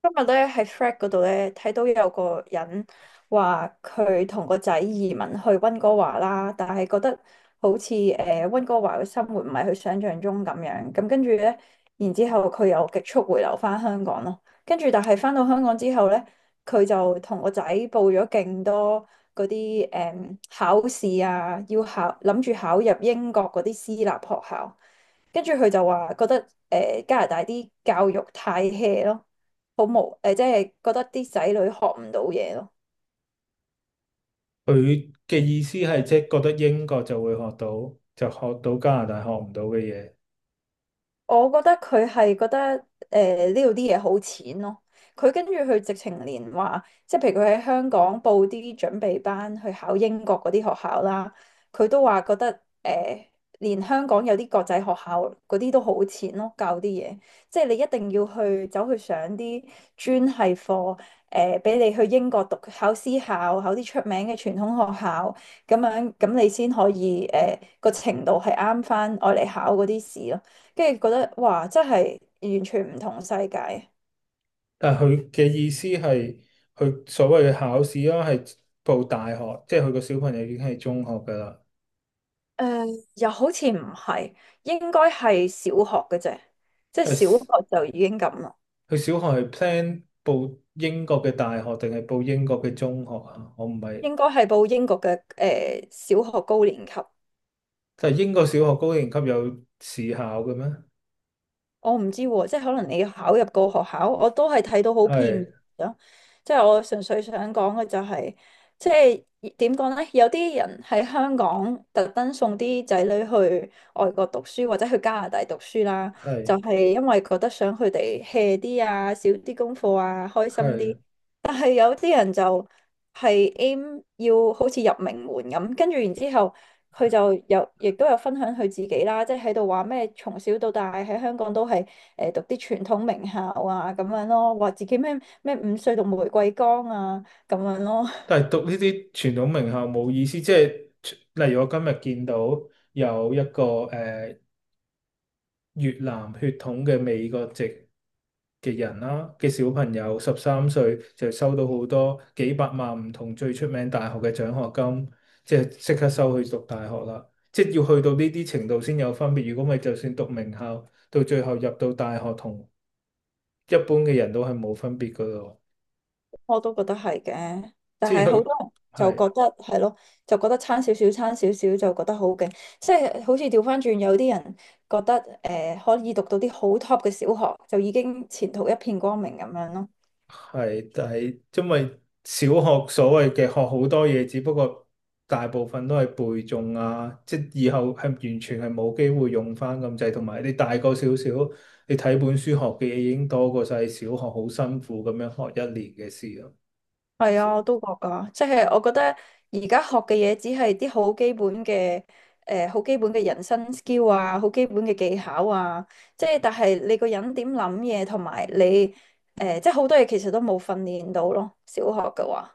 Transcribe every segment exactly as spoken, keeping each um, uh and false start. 今日咧喺 f r e a d 嗰度咧睇到有個人話佢同個仔移民去温哥華啦，但係覺得好似誒温哥華嘅生活唔係佢想象中咁樣，咁跟住咧，然之後佢又極速回流翻香港咯，跟住但係翻到香港之後咧，佢就同個仔報咗勁多嗰啲誒考試啊，要考諗住考入英國嗰啲私立學校。跟住佢就話覺得誒、呃加拿大啲教育太 hea 咯，好無誒、呃即係覺得啲仔女學唔到嘢咯。佢嘅意思係即係覺得英國就會學到，就學到加拿大學唔到嘅嘢。我覺得佢係覺得誒呢度啲嘢好淺咯。佢跟住佢直情連話，即係譬如佢喺香港報啲準備班去考英國嗰啲學校啦，佢都話覺得誒、呃，連香港有啲國際學校嗰啲都好淺咯，教啲嘢。即係你一定要去走去上啲專系課，誒呃俾你去英國讀考私校，考啲出名嘅傳統學校，咁樣咁你先可以誒個、程度係啱翻我嚟考嗰啲試咯。跟住覺得哇，真係完全唔同世界。但係佢嘅意思係佢所謂嘅考試啦，係報大學，即係佢個小朋友已經係中學㗎啦。誒、又好似唔係，應該係小學嘅啫，即係但小係學就已經咁啦，佢小學係 plan 報英國嘅大學定係報英國嘅中學啊？我唔係，應該係報英國嘅誒、小學高年級。但係英國小學高年級有試考嘅咩？我唔知喎，即係可能你考入個學校，我都係睇到好片面係咯。即係我純粹想講嘅就係、即係點講咧？有啲人喺香港特登送啲仔女去外國讀書，或者去加拿大讀書啦，係就係、因為覺得想佢哋 hea 啲啊，少啲功課啊，開心係。啲。但係有啲人就係 aim 要好似入名門咁，跟住然之後。佢就有亦都有分享佢自己啦，即係喺度話咩從小到大喺香港都係誒、呃、讀啲傳統名校啊咁樣咯，話自己咩咩五歲讀玫瑰崗啊咁樣咯，但係讀呢啲傳統名校冇意思，即係例如我今日見到有一個誒、呃越南血統嘅美國籍嘅人啦嘅小朋友，十三歲就收到好多幾百萬唔同最出名大學嘅獎學金，即係即刻收去讀大學啦。即係要去到呢啲程度先有分別，如果咪就算讀名校，到最後入到大學同一般嘅人都係冇分別噶咯。我都覺得係嘅，但即係係好佢多人就係。覺得係咯，就覺得差少少差少少就覺得好勁，即係好似調翻轉有啲人覺得誒、呃可以讀到啲好 top 嘅小學就已經前途一片光明咁樣咯。係，但係因為小學所謂嘅學好多嘢，只不過大部分都係背誦啊，即係以後係完全係冇機會用翻咁滯，同埋你大個少少，你睇本書學嘅嘢已經多過晒小學好辛苦咁樣學一年嘅事咯。係啊，我都覺噶，即係我覺得而家學嘅嘢只係啲好基本嘅，誒好基本嘅人生 skill 啊，好基本嘅技巧啊，即係但係你個人點諗嘢同埋你誒，即係好多嘢其實都冇訓練到咯，小學嘅話。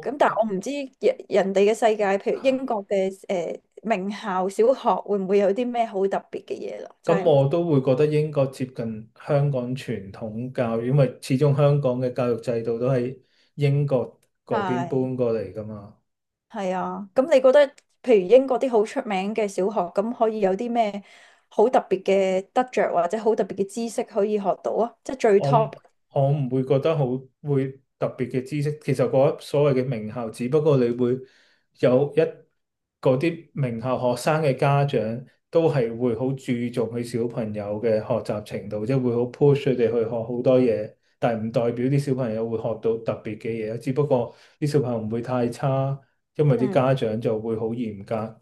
咁但係我唔知人人哋嘅世界，譬如英國嘅誒名校小學會唔會有啲咩好特別嘅嘢啦？真咁係唔我都會覺得英國接近香港傳統教育，因為始終香港嘅教育制度都係英國嗰邊係。搬過嚟噶嘛。係啊，咁你覺得譬如英國啲好出名嘅小學，咁可以有啲咩好特別嘅得着，或者好特別嘅知識可以學到啊？即係最 我 top。我唔會覺得好會特別嘅知識，其實嗰所謂嘅名校，只不過你會有一嗰啲名校學生嘅家長都係會好注重佢小朋友嘅學習程度，即係會好 push 佢哋去學好多嘢，但係唔代表啲小朋友會學到特別嘅嘢，只不過啲小朋友唔會太差，因為啲嗯，家長就會好嚴格。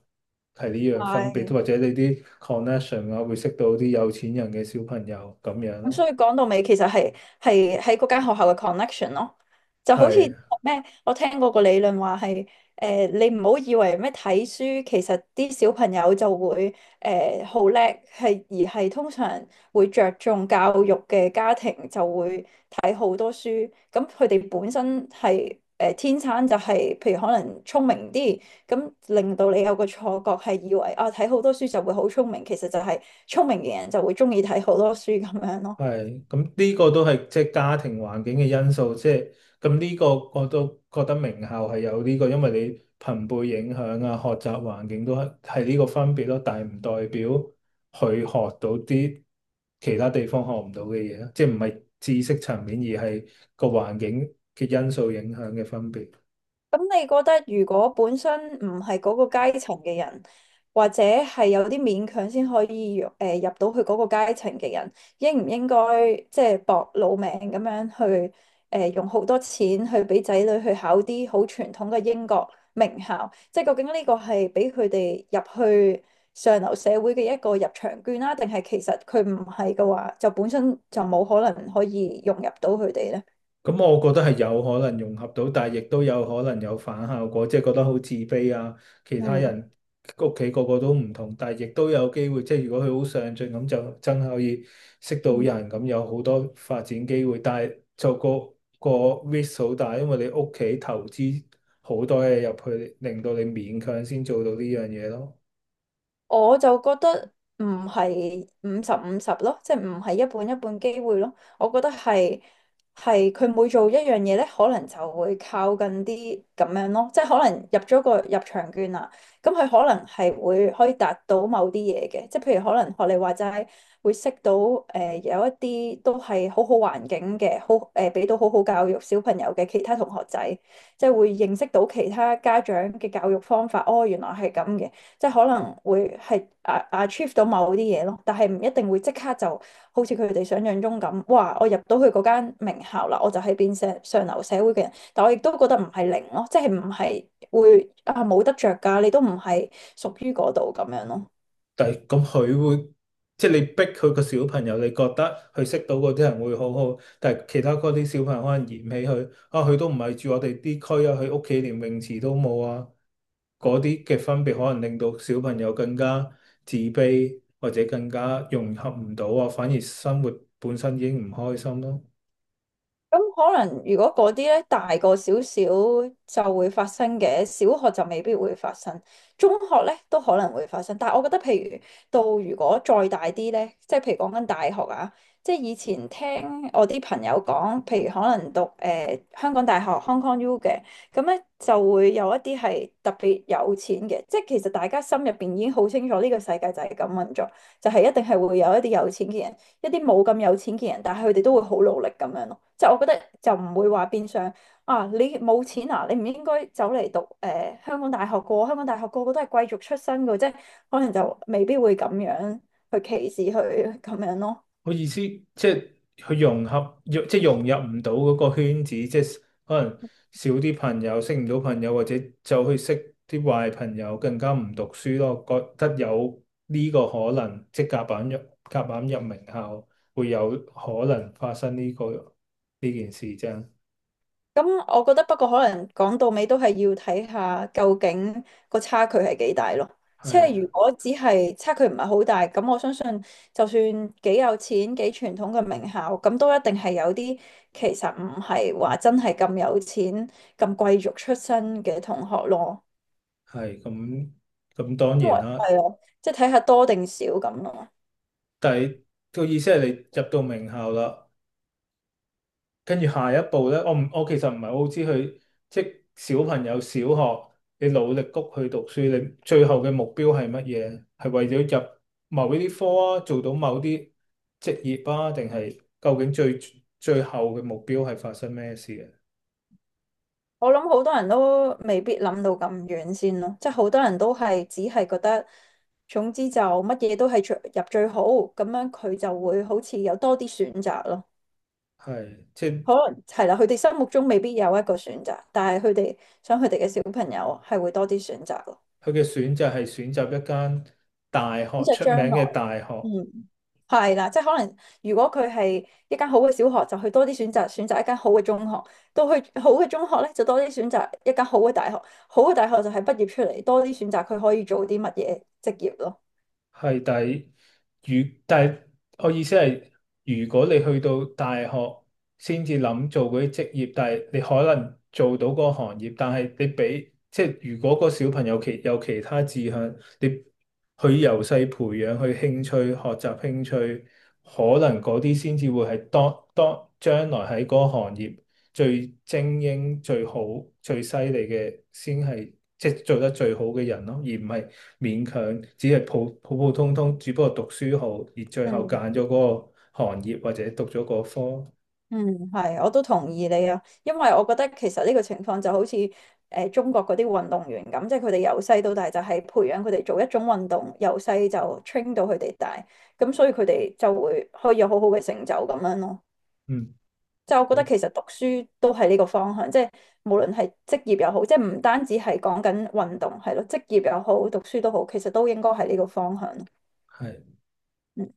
係呢樣分別，係。或者你啲 connection 啊，會識到啲有錢人嘅小朋友咁樣咁咯，所以講到尾，其實係係喺嗰間學校嘅 connection 咯，就好似係。咩，我聽過個理論話係誒，你唔好以為咩睇書，其實啲小朋友就會誒好叻，係而係通常會着重教育嘅家庭就會睇好多書，咁佢哋本身係誒、呃天生就係、譬如可能聰明啲，咁令到你有个错觉，系以为啊睇好多书就会好聪明，其实就系聪明嘅人就会中意睇好多书咁样咯。係，咁呢個都係即係家庭環境嘅因素，即係咁呢個我都覺得名校係有呢個，因為你朋輩影響啊，學習環境都係係呢個分別咯，但係唔代表佢學到啲其他地方學唔到嘅嘢，即係唔係知識層面，而係個環境嘅因素影響嘅分別。咁你覺得如果本身唔係嗰個階層嘅人，或者係有啲勉強先可以誒、呃入到去嗰個階層嘅人，應唔應該即係搏老命咁樣去誒、呃用好多錢去俾仔女去考啲好傳統嘅英國名校？即係究竟呢個係俾佢哋入去上流社會嘅一個入場券啦，定係其實佢唔係嘅話，就本身就冇可能可以融入到佢哋咧？咁我覺得係有可能融合到，但係亦都有可能有反效果，即係覺得好自卑啊。其他嗯人屋企個個都唔同，但係亦都有機會，即係如果佢好上進咁，就真係可以識到嗯。人，咁有好多發展機會。但係就個個 risk 好大，因為你屋企投資好多嘢入去，令到你勉強先做到呢樣嘢咯。我就覺得唔係五十五十咯，即係唔係一半一半機會咯。我覺得係係佢每做一樣嘢咧，可能就會靠近啲咁樣咯。即係可能入咗個入場券啦，咁佢可能係會可以達到某啲嘢嘅，即係譬如可能學你話齋會識到誒、呃有一啲都係好好環境嘅，好誒俾、到好好教育小朋友嘅其他同學仔，即係會認識到其他家長嘅教育方法。哦，原來係咁嘅。即係可能會係啊啊 achieve 到某啲嘢咯，但係唔一定會即刻就好似佢哋想象中咁，哇！我入到去嗰間名校啦，我就係變成上流社會嘅人，但我亦都覺得唔係零咯，即係唔係會啊冇得着㗎，你都唔係屬於嗰度咁樣咯。但係咁佢會，即係你逼佢個小朋友，你覺得佢識到嗰啲人會好好，但係其他嗰啲小朋友可能嫌棄佢，啊佢都唔係住我哋啲區啊，佢屋企連泳池都冇啊，嗰啲嘅分別可能令到小朋友更加自卑，或者更加融合唔到啊，反而生活本身已經唔開心咯。咁可能如果嗰啲咧大個少少就會發生嘅，小學就未必會發生，中學咧都可能會發生。但係我覺得，譬如到如果再大啲咧，即係譬如講緊大學啊，即係以前聽我啲朋友講，譬如可能讀誒、呃香港大學 Hong Kong U 嘅，咁咧就會有一啲係特別有錢嘅，即係其實大家心入邊已經好清楚呢個世界就係咁運作，就係、一定係會有一啲有錢嘅人。一啲冇咁有錢嘅人，但係佢哋都會好努力咁樣咯。即係我覺得就唔會話變相啊，你冇錢啊，你唔應該走嚟讀誒、呃香港大學個，香港大學個個都係貴族出身嘅，即係可能就未必會咁樣去歧視佢咁樣咯。我意思即係佢融合，融即係融入唔到嗰個圈子，即係可能少啲朋友，識唔到朋友，或者就去識啲壞朋友，更加唔讀書咯。覺得有呢個可能，即係夾板入夾硬入名校，會有可能發生呢、個呢件事啫。咁我覺得不過可能講到尾都係要睇下究竟個差距係幾大咯。即係如係果只係差距唔係好大，咁我相信就算幾有錢、幾傳統嘅名校，咁都一定係有啲其實唔係話真係咁有錢、咁貴族出身嘅同學咯。係咁咁當因然為啦，係啊，即係睇下多定少咁咯。但係個意思係你入到名校啦。跟住下一步咧，我唔我其實唔係好知佢，即係小朋友小學你努力谷去讀書，你最後嘅目標係乜嘢？係為咗入某一啲科啊，做到某啲職業啊，定係究竟最最後嘅目標係發生咩事嘅？我諗好多人都未必諗到咁遠先咯，即係好多人都係只係覺得，總之就乜嘢都係最入最好，咁樣佢就會好似有多啲選擇咯。係即係可能係啦，佢哋心目中未必有一個選擇，但係佢哋想佢哋嘅小朋友係會多啲選擇咯。佢嘅選擇係選擇一間大呢學就出將名來，嘅大學，嗯，係啦，即係可能如果佢係一間好嘅小學，就去多啲選擇，選擇一間好嘅中學；到去好嘅中學咧，就多啲選擇一間好嘅大學。好嘅大學就係畢業出嚟，多啲選擇佢可以做啲乜嘢職業咯。係，但係如但係我意思係，如果你去到大學先至諗做嗰啲職業，但係你可能做到嗰個行業，但係你俾即係如果個小朋友其有其他志向，你去由細培養去興趣、學習興趣，可能嗰啲先至會係當當將來喺嗰個行業最精英、最好、最犀利嘅，先係即係做得最好嘅人咯，而唔系勉强，只系普普普通通，只不过读书好，而最后拣嗯咗嗰個行业或者读咗嗰科。嗯係，我都同意你啊，因為我覺得其實呢個情況就好似誒、呃中國嗰啲運動員咁，即係佢哋由細到大就係培養佢哋做一種運動，由細就 train 到佢哋大，咁所以佢哋就會可以有好好嘅成就咁樣咯。嗯，就我覺得好，其實讀書都係呢個方向，即係無論係職業又好，即係唔單止係講緊運動係咯，職業又好，讀書都好，其實都應該係呢個方向系。嗯